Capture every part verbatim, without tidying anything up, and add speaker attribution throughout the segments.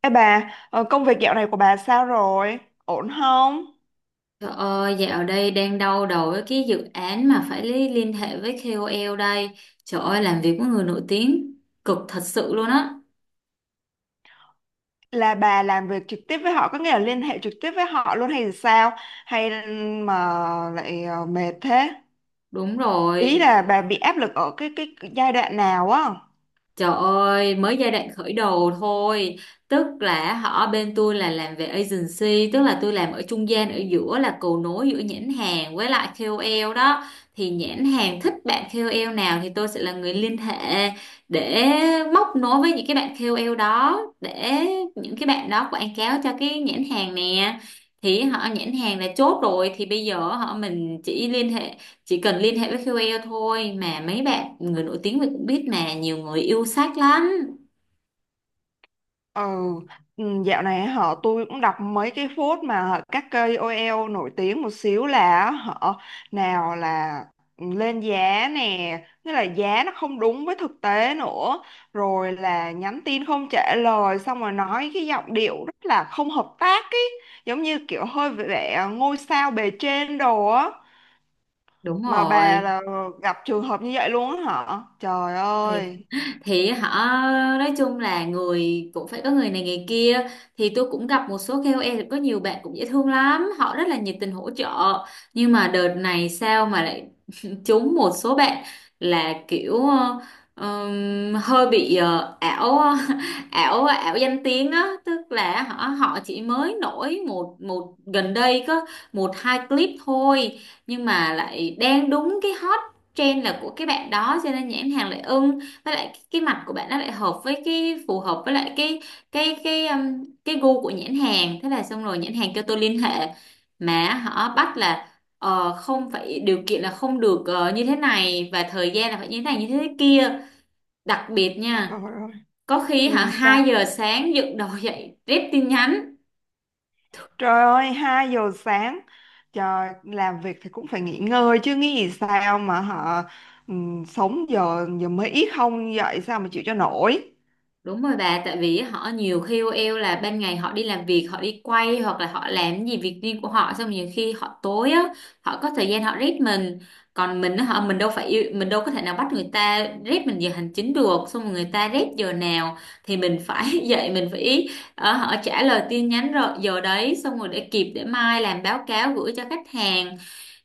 Speaker 1: Ê bà, ờ, công việc dạo này của bà sao rồi? Ổn không?
Speaker 2: Trời ơi, dạo đây đang đau đầu với cái dự án mà phải li- liên hệ với ca o lờ đây. Trời ơi, làm việc với người nổi tiếng cực thật sự luôn á.
Speaker 1: Là bà làm việc trực tiếp với họ, có nghĩa là liên hệ trực tiếp với họ luôn hay sao? Hay mà lại ờ, mệt thế?
Speaker 2: Đúng
Speaker 1: Ý
Speaker 2: rồi.
Speaker 1: là bà bị áp lực ở cái cái giai đoạn nào á?
Speaker 2: Trời ơi, mới giai đoạn khởi đầu thôi. Tức là họ bên tôi là làm về agency, tức là tôi làm ở trung gian ở giữa là cầu nối giữa nhãn hàng với lại kay âu eo đó. Thì nhãn hàng thích bạn ca o lờ nào thì tôi sẽ là người liên hệ để móc nối với những cái bạn kay âu eo đó để những cái bạn đó quảng cáo cho cái nhãn hàng nè. Thì họ nhãn hàng là chốt rồi, thì bây giờ họ mình chỉ liên hệ chỉ cần liên hệ với ca o lờ thôi, mà mấy bạn người nổi tiếng mình cũng biết mà, nhiều người yêu sách lắm.
Speaker 1: Ừ, ừ, dạo này họ tôi cũng đọc mấy cái phốt mà các cây K O L nổi tiếng một xíu là họ nào là lên giá nè, nghĩa là giá nó không đúng với thực tế nữa, rồi là nhắn tin không trả lời xong rồi nói cái giọng điệu rất là không hợp tác ấy, giống như kiểu hơi vẻ ngôi sao bề trên đồ á,
Speaker 2: Đúng
Speaker 1: mà bà
Speaker 2: rồi.
Speaker 1: là gặp trường hợp như vậy luôn á hả? Trời
Speaker 2: thì
Speaker 1: ơi,
Speaker 2: thì họ nói chung là người cũng phải có người này người kia. Thì tôi cũng gặp một số ca o lờ, có nhiều bạn cũng dễ thương lắm, họ rất là nhiệt tình hỗ trợ. Nhưng mà đợt này sao mà lại trúng một số bạn là kiểu ờ, ừm, hơi bị ờ, ảo. ảo ảo danh tiếng á, tức là họ họ chỉ mới nổi một một gần đây có một hai clip thôi, nhưng mà lại đang đúng cái hot trend là của cái bạn đó, cho nên nhãn hàng lại ưng. Với lại cái, cái mặt của bạn nó lại hợp với cái phù hợp với lại cái cái cái um, cái gu của nhãn hàng, thế là xong rồi, nhãn hàng kêu tôi liên hệ mà họ bắt là ờ, không phải, điều kiện là không được ờ, như thế này, và thời gian là phải như thế này như thế kia, đặc biệt
Speaker 1: trời
Speaker 2: nha.
Speaker 1: ơi.
Speaker 2: Có khi hả
Speaker 1: Ừ, sao?
Speaker 2: hai giờ sáng dựng đầu dậy rep tin nhắn.
Speaker 1: Trời ơi, hai giờ sáng. Trời, làm việc thì cũng phải nghỉ ngơi chứ nghĩ gì sao mà họ ừm, sống giờ giờ mới ít không dậy sao mà chịu cho nổi.
Speaker 2: Đúng rồi bà, tại vì họ nhiều ca o lờ là ban ngày họ đi làm việc, họ đi quay hoặc là họ làm gì việc riêng của họ, xong nhiều khi họ tối á, họ có thời gian họ rep mình. Còn mình á, họ mình đâu phải yêu, mình đâu có thể nào bắt người ta rep mình giờ hành chính được, xong rồi người ta rep giờ nào thì mình phải dậy, mình phải ờ, họ trả lời tin nhắn rồi giờ đấy, xong rồi để kịp để mai làm báo cáo gửi cho khách hàng,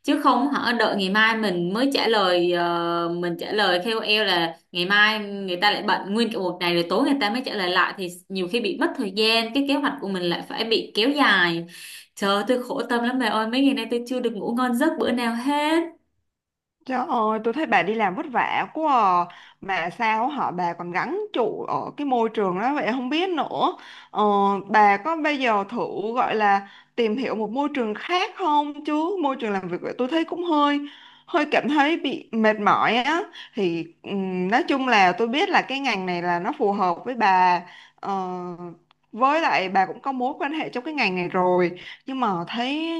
Speaker 2: chứ không hả đợi ngày mai mình mới trả lời ờ, mình trả lời ca o lờ là ngày mai, người ta lại bận nguyên cả một ngày, rồi tối người ta mới trả lời lại, thì nhiều khi bị mất thời gian, cái kế hoạch của mình lại phải bị kéo dài. Trời ơi, tôi khổ tâm lắm bà ơi, mấy ngày nay tôi chưa được ngủ ngon giấc bữa nào hết.
Speaker 1: Trời ơi, tôi thấy bà đi làm vất vả quá à. Mà sao họ bà còn gắng trụ ở cái môi trường đó vậy không biết nữa. Ờ, bà có bây giờ thử gọi là tìm hiểu một môi trường khác không chứ? Môi trường làm việc vậy tôi thấy cũng hơi hơi cảm thấy bị mệt mỏi á. Thì ừm, nói chung là tôi biết là cái ngành này là nó phù hợp với bà. Ờ, với lại bà cũng có mối quan hệ trong cái ngành này rồi. Nhưng mà thấy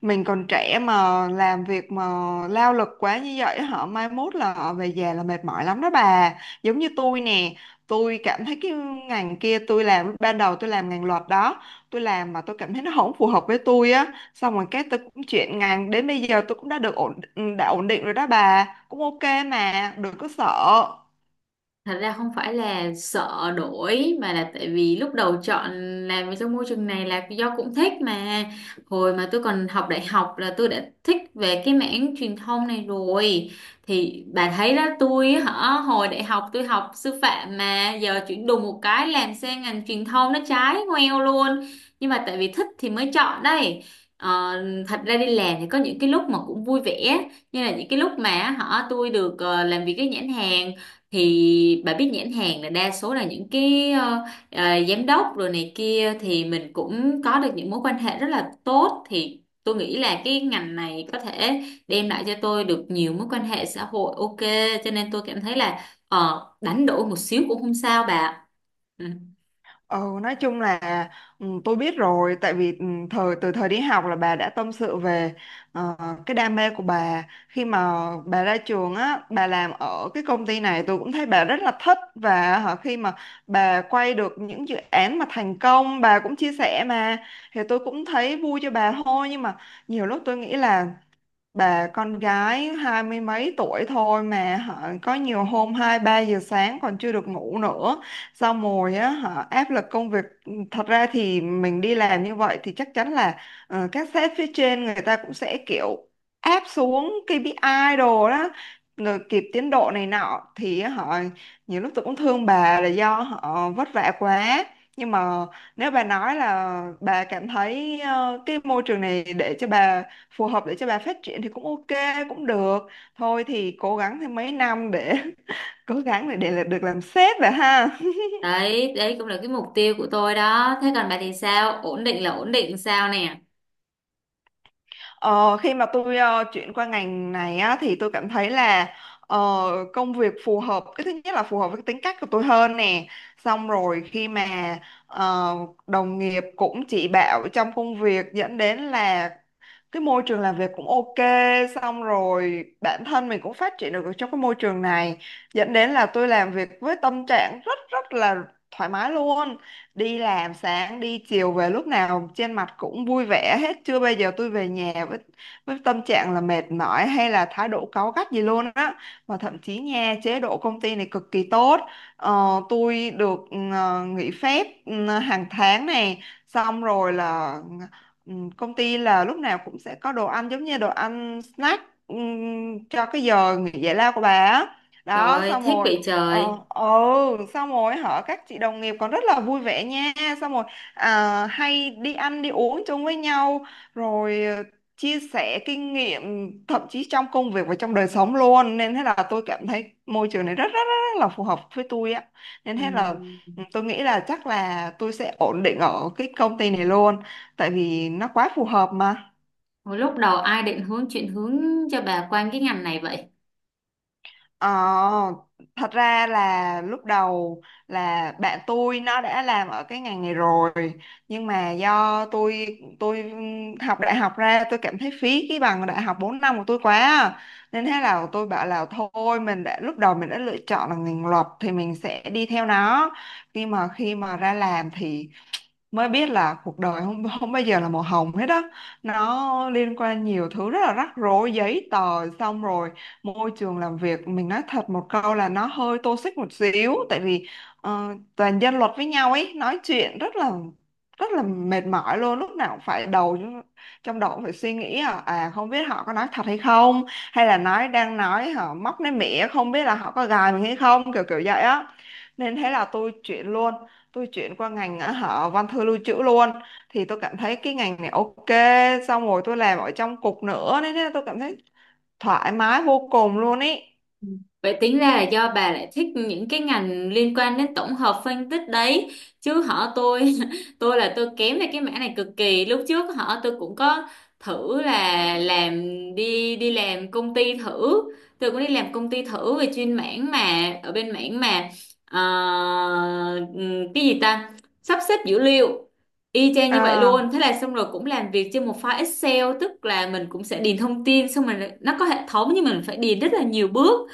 Speaker 1: mình còn trẻ mà làm việc mà lao lực quá như vậy họ mai mốt là họ về già là mệt mỏi lắm đó bà, giống như tôi nè. Tôi cảm thấy cái ngành kia, tôi làm lúc ban đầu tôi làm ngành luật đó, tôi làm mà tôi cảm thấy nó không phù hợp với tôi á, xong rồi cái tôi cũng chuyển ngành, đến bây giờ tôi cũng đã được ổn, đã ổn định rồi đó bà, cũng ok mà đừng có sợ.
Speaker 2: Thật ra không phải là sợ đổi, mà là tại vì lúc đầu chọn làm việc trong môi trường này là do cũng thích mà. Hồi mà tôi còn học đại học là tôi đã thích về cái mảng truyền thông này rồi. Thì bà thấy đó, tôi hả hồi đại học tôi học sư phạm mà giờ chuyển đùng một cái làm sang ngành truyền thông, nó trái ngoeo luôn. Nhưng mà tại vì thích thì mới chọn đây. Ờ, thật ra đi làm thì có những cái lúc mà cũng vui vẻ, như là những cái lúc mà họ tôi được ờ, làm việc với nhãn hàng. Thì bà biết nhãn hàng là đa số là những cái ờ, ờ, giám đốc rồi này kia, thì mình cũng có được những mối quan hệ rất là tốt, thì tôi nghĩ là cái ngành này có thể đem lại cho tôi được nhiều mối quan hệ xã hội, ok. Cho nên tôi cảm thấy là ờ, đánh đổi một xíu cũng không sao bà. Ừ.
Speaker 1: Ừ, nói chung là ừ, tôi biết rồi tại vì ừ, thời từ thời đi học là bà đã tâm sự về ờ, cái đam mê của bà, khi mà bà ra trường á bà làm ở cái công ty này tôi cũng thấy bà rất là thích, và hả, khi mà bà quay được những dự án mà thành công bà cũng chia sẻ mà, thì tôi cũng thấy vui cho bà thôi. Nhưng mà nhiều lúc tôi nghĩ là bà con gái hai mươi mấy tuổi thôi mà họ có nhiều hôm hai ba giờ sáng còn chưa được ngủ nữa, xong rồi á họ áp lực công việc. ừ, Thật ra thì mình đi làm như vậy thì chắc chắn là ờ, các sếp phía trên người ta cũng sẽ kiểu áp xuống kê pi ai đồ đó, rồi kịp tiến độ này nọ thì họ nhiều lúc tôi cũng thương bà là do họ vất vả quá. Nhưng mà nếu bà nói là bà cảm thấy ờ, cái môi trường này để cho bà phù hợp để cho bà phát triển thì cũng ok, cũng được thôi, thì cố gắng thêm mấy năm để cố gắng để, để là- được làm sếp vậy ha.
Speaker 2: Đấy đấy cũng là cái mục tiêu của tôi đó. Thế còn bà thì sao, ổn định là ổn định sao nè?
Speaker 1: ờ, Khi mà tôi ờ, chuyển qua ngành này á, thì tôi cảm thấy là ờ, công việc phù hợp, cái thứ nhất là phù hợp với cái tính cách của tôi hơn nè, xong rồi khi mà ờ, đồng nghiệp cũng chỉ bảo trong công việc dẫn đến là cái môi trường làm việc cũng ok, xong rồi bản thân mình cũng phát triển được ở trong cái môi trường này, dẫn đến là tôi làm việc với tâm trạng rất rất là thoải mái luôn. Đi làm sáng đi chiều về lúc nào trên mặt cũng vui vẻ hết, chưa bao giờ tôi về nhà với với tâm trạng là mệt mỏi hay là thái độ cáu gắt gì luôn á, mà thậm chí nha chế độ công ty này cực kỳ tốt. Ờ, tôi được ừ, nghỉ phép ừ, hàng tháng này, xong rồi là, ừ, công ty là lúc nào cũng sẽ có đồ ăn, giống như đồ ăn snack ừm, cho cái giờ nghỉ giải lao của bà á. Đó,
Speaker 2: Rồi
Speaker 1: xong
Speaker 2: thích
Speaker 1: rồi
Speaker 2: vậy
Speaker 1: ờ
Speaker 2: trời.
Speaker 1: ừ xong rồi hả các chị đồng nghiệp còn rất là vui vẻ nha, xong rồi à, hay đi ăn đi uống chung với nhau, rồi ờ, chia sẻ kinh nghiệm thậm chí trong công việc và trong đời sống luôn, nên thế là tôi cảm thấy môi trường này rất rất rất, rất là phù hợp với tôi á, nên thế là
Speaker 2: Ừ.
Speaker 1: ừ, tôi nghĩ là chắc là tôi sẽ ổn định ở cái công ty này luôn tại vì nó quá phù hợp mà.
Speaker 2: Hồi lúc đầu ai định hướng chuyển hướng cho bà qua cái ngành này vậy?
Speaker 1: Ờ, thật ra là lúc đầu là bạn tôi nó đã làm ở cái ngành này rồi, nhưng mà do tôi tôi học đại học ra tôi cảm thấy phí cái bằng đại học bốn năm của tôi quá à, nên thế là tôi bảo là thôi mình đã lúc đầu mình đã lựa chọn là ngành luật thì mình sẽ đi theo nó. Nhưng mà khi mà ra làm thì mới biết là cuộc đời không không bao giờ là màu hồng hết đó, nó liên quan nhiều thứ rất là rắc rối giấy tờ, xong rồi môi trường làm việc mình nói thật một câu là nó hơi toxic một xíu, tại vì ờ, toàn dân luật với nhau ấy, nói chuyện rất là rất là mệt mỏi luôn, lúc nào cũng phải đầu trong đầu cũng phải suy nghĩ à, à không biết họ có nói thật hay không, hay là nói đang nói họ móc nói mỉa, không biết là họ có gài mình hay không, kiểu kiểu vậy á, nên thế là tôi chuyển luôn, tôi chuyển qua ngành á, họ văn thư lưu trữ luôn, thì tôi cảm thấy cái ngành này ok, xong rồi tôi làm ở trong cục nữa nên thế tôi cảm thấy thoải mái vô cùng luôn ý.
Speaker 2: Vậy tính ra là do bà lại thích những cái ngành liên quan đến tổng hợp phân tích đấy, chứ họ tôi tôi là tôi kém về cái mảng này cực kỳ. Lúc trước họ tôi cũng có thử là làm, đi đi làm công ty thử. Tôi cũng đi làm công ty thử về chuyên mảng mà, ở bên mảng mà ờ, ừm, cái gì ta, sắp xếp dữ liệu, y chang như vậy
Speaker 1: À,
Speaker 2: luôn, thế là xong rồi cũng làm việc trên một file Excel, tức là mình cũng sẽ điền thông tin, xong rồi nó có hệ thống nhưng mình phải điền rất là nhiều bước.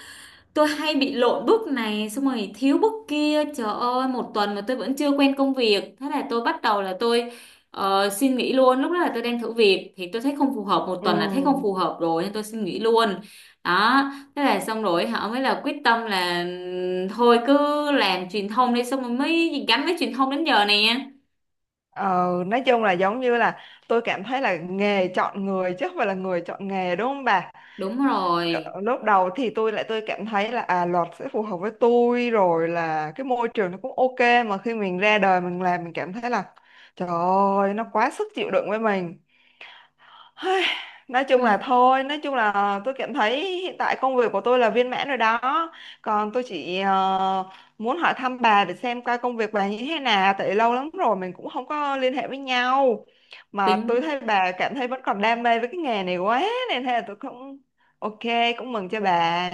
Speaker 2: Tôi hay bị lộn bước này xong rồi thiếu bước kia, trời ơi một tuần mà tôi vẫn chưa quen công việc, thế là tôi bắt đầu là tôi ờ, xin nghỉ luôn. Lúc đó là tôi đang thử việc thì tôi thấy không phù hợp, một tuần là thấy không
Speaker 1: ừ.
Speaker 2: phù hợp rồi nên tôi xin nghỉ luôn. Đó, thế là xong rồi họ mới là quyết tâm là ừm, thôi cứ làm truyền thông đi, xong rồi mới gắn với truyền thông đến giờ nè.
Speaker 1: ờ, nói chung là giống như là tôi cảm thấy là nghề chọn người chứ không phải là người chọn nghề, đúng không bà?
Speaker 2: Đúng rồi.
Speaker 1: Cỡ- lúc đầu thì tôi lại tôi cảm thấy là à luật sẽ phù hợp với tôi rồi, là cái môi trường nó cũng ok, mà khi mình ra đời mình làm mình cảm thấy là trời ơi nó quá sức chịu đựng với mình. Hây, nói chung là
Speaker 2: Ai,
Speaker 1: thôi, nói chung là tôi cảm thấy hiện tại công việc của tôi là viên mãn rồi đó. Còn tôi chỉ ờ, muốn hỏi thăm bà để xem coi công việc bà như thế nào, tại lâu lắm rồi mình cũng không có liên hệ với nhau. Mà tôi
Speaker 2: tính
Speaker 1: thấy bà cảm thấy vẫn còn đam mê với cái nghề này quá, nên thế là tôi cũng ok, cũng mừng cho bà.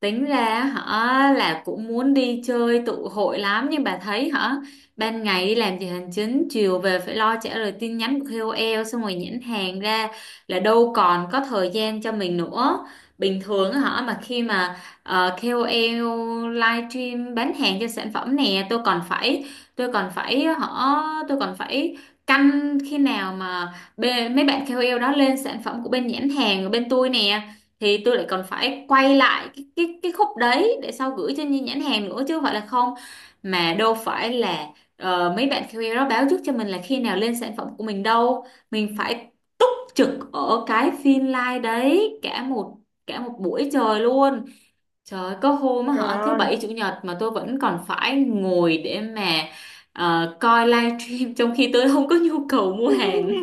Speaker 2: Tính ra họ là cũng muốn đi chơi tụ hội lắm, nhưng bà thấy hả, ban ngày đi làm giờ hành chính, chiều về phải lo trả lời tin nhắn của ca o lờ, xong rồi nhãn hàng ra, là đâu còn có thời gian cho mình nữa. Bình thường á hả, mà khi mà ờ, kay âu eo livestream bán hàng cho sản phẩm nè, tôi còn phải tôi còn phải họ tôi còn phải canh khi nào mà bê- mấy bạn ca o lờ đó lên sản phẩm của bên nhãn hàng của bên tôi nè, thì tôi lại còn phải quay lại cái cái cái khúc đấy để sau gửi cho nhi- nhãn hàng nữa, chứ không phải là không. Mà đâu phải là ờ, mấy bạn quy a đó báo trước cho mình là khi nào lên sản phẩm của mình đâu, mình phải túc trực ở cái phiên live đấy cả một cả một buổi trời luôn. Trời ơi, có hôm á
Speaker 1: Trời
Speaker 2: hả thứ
Speaker 1: ơi.
Speaker 2: bảy chủ nhật mà tôi vẫn còn phải ngồi để mà ờ, coi live stream, trong khi tôi không có nhu cầu mua hàng.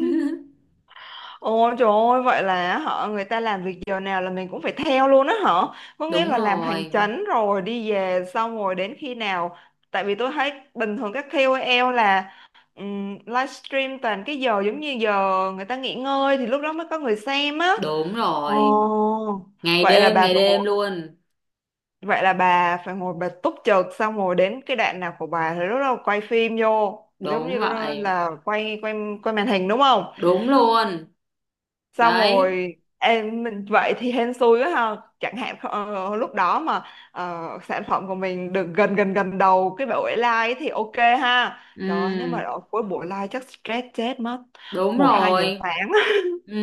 Speaker 1: Ôi trời ơi, vậy là họ người ta làm việc giờ nào là mình cũng phải theo luôn á hả? Có nghĩa
Speaker 2: Đúng
Speaker 1: là làm hành
Speaker 2: rồi.
Speaker 1: chánh rồi đi về xong rồi đến khi nào? Tại vì tôi thấy bình thường các K O L là um, livestream toàn cái giờ giống như giờ người ta nghỉ ngơi thì lúc đó mới có người xem á.
Speaker 2: Đúng rồi,
Speaker 1: Ồ,
Speaker 2: ngày
Speaker 1: vậy là
Speaker 2: đêm
Speaker 1: bà
Speaker 2: ngày
Speaker 1: phải
Speaker 2: đêm
Speaker 1: ngồi,
Speaker 2: luôn.
Speaker 1: vậy là bà phải ngồi bà túc trực, xong rồi đến cái đoạn nào của bà thì lúc đó quay phim vô, giống
Speaker 2: Đúng
Speaker 1: như
Speaker 2: vậy.
Speaker 1: là quay quay quay màn hình, đúng không?
Speaker 2: Đúng luôn.
Speaker 1: Xong
Speaker 2: Đấy.
Speaker 1: rồi em mình vậy thì hên xui quá ha, chẳng hạn ờ, lúc đó mà ờ, sản phẩm của mình được gần gần gần đầu cái buổi live ấy thì ok ha.
Speaker 2: Ừ,
Speaker 1: Trời ơi, nếu mà ở cuối buổi live chắc stress chết mất.
Speaker 2: đúng
Speaker 1: một hai giờ
Speaker 2: rồi.
Speaker 1: sáng
Speaker 2: Ừ,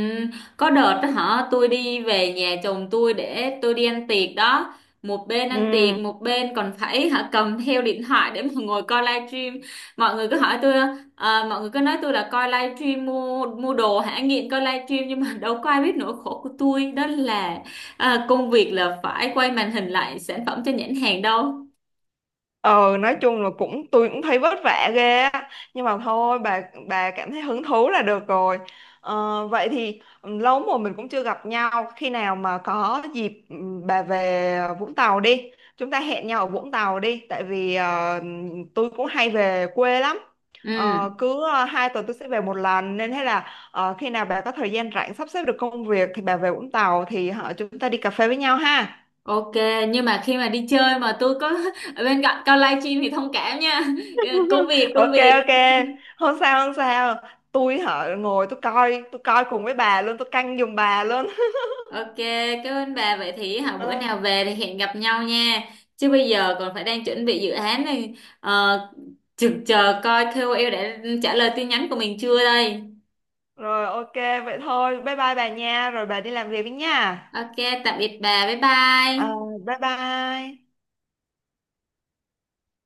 Speaker 2: có đợt đó hả tôi đi về nhà chồng tôi để tôi đi ăn tiệc đó, một bên
Speaker 1: Ừ.
Speaker 2: ăn tiệc một bên còn phải hả cầm theo điện thoại để mà ngồi coi livestream. Mọi người cứ hỏi tôi, à, mọi người cứ nói tôi là coi livestream mua mua đồ, hả nghiện coi livestream, nhưng mà đâu có ai biết nỗi khổ của tôi, đó là, à, công việc là phải quay màn hình lại sản phẩm cho nhãn hàng đâu.
Speaker 1: ờ nói chung là cũng tôi cũng thấy vất vả ghê á, nhưng mà thôi bà bà cảm thấy hứng thú là được rồi. Ờ, vậy thì ừ, lâu lắm rồi mình cũng chưa gặp nhau, khi nào mà có dịp ừ, bà về Vũng Tàu đi, chúng ta hẹn nhau ở Vũng Tàu đi tại vì ờ, tôi cũng hay về quê lắm.
Speaker 2: Ừ.
Speaker 1: Ờ, cứ ờ, hai tuần tôi sẽ về một lần, nên thế là ờ, khi nào bà có thời gian rảnh sắp xếp được công việc thì bà về Vũng Tàu, thì họ chúng ta đi cà phê với nhau ha.
Speaker 2: Ok, nhưng mà khi mà đi chơi mà tôi có ở bên cạnh coi livestream thì thông cảm nha. Công việc, công
Speaker 1: Ok, ok,
Speaker 2: việc.
Speaker 1: không sao không sao, tôi hả ngồi tôi coi, tôi coi cùng với bà luôn, tôi canh giùm bà luôn.
Speaker 2: Ok, cảm ơn bà. Vậy thì hả bữa
Speaker 1: Ờ,
Speaker 2: nào về thì hẹn gặp nhau nha. Chứ bây giờ còn phải đang chuẩn bị dự án này. Ờ, chừng chờ coi ca o lờ đã trả lời tin nhắn của mình chưa đây.
Speaker 1: rồi ok, vậy thôi bye bye bà nha, rồi bà đi làm việc đi nha.
Speaker 2: Ok, tạm biệt bà. Bye
Speaker 1: Ờ,
Speaker 2: bye.
Speaker 1: bye bye.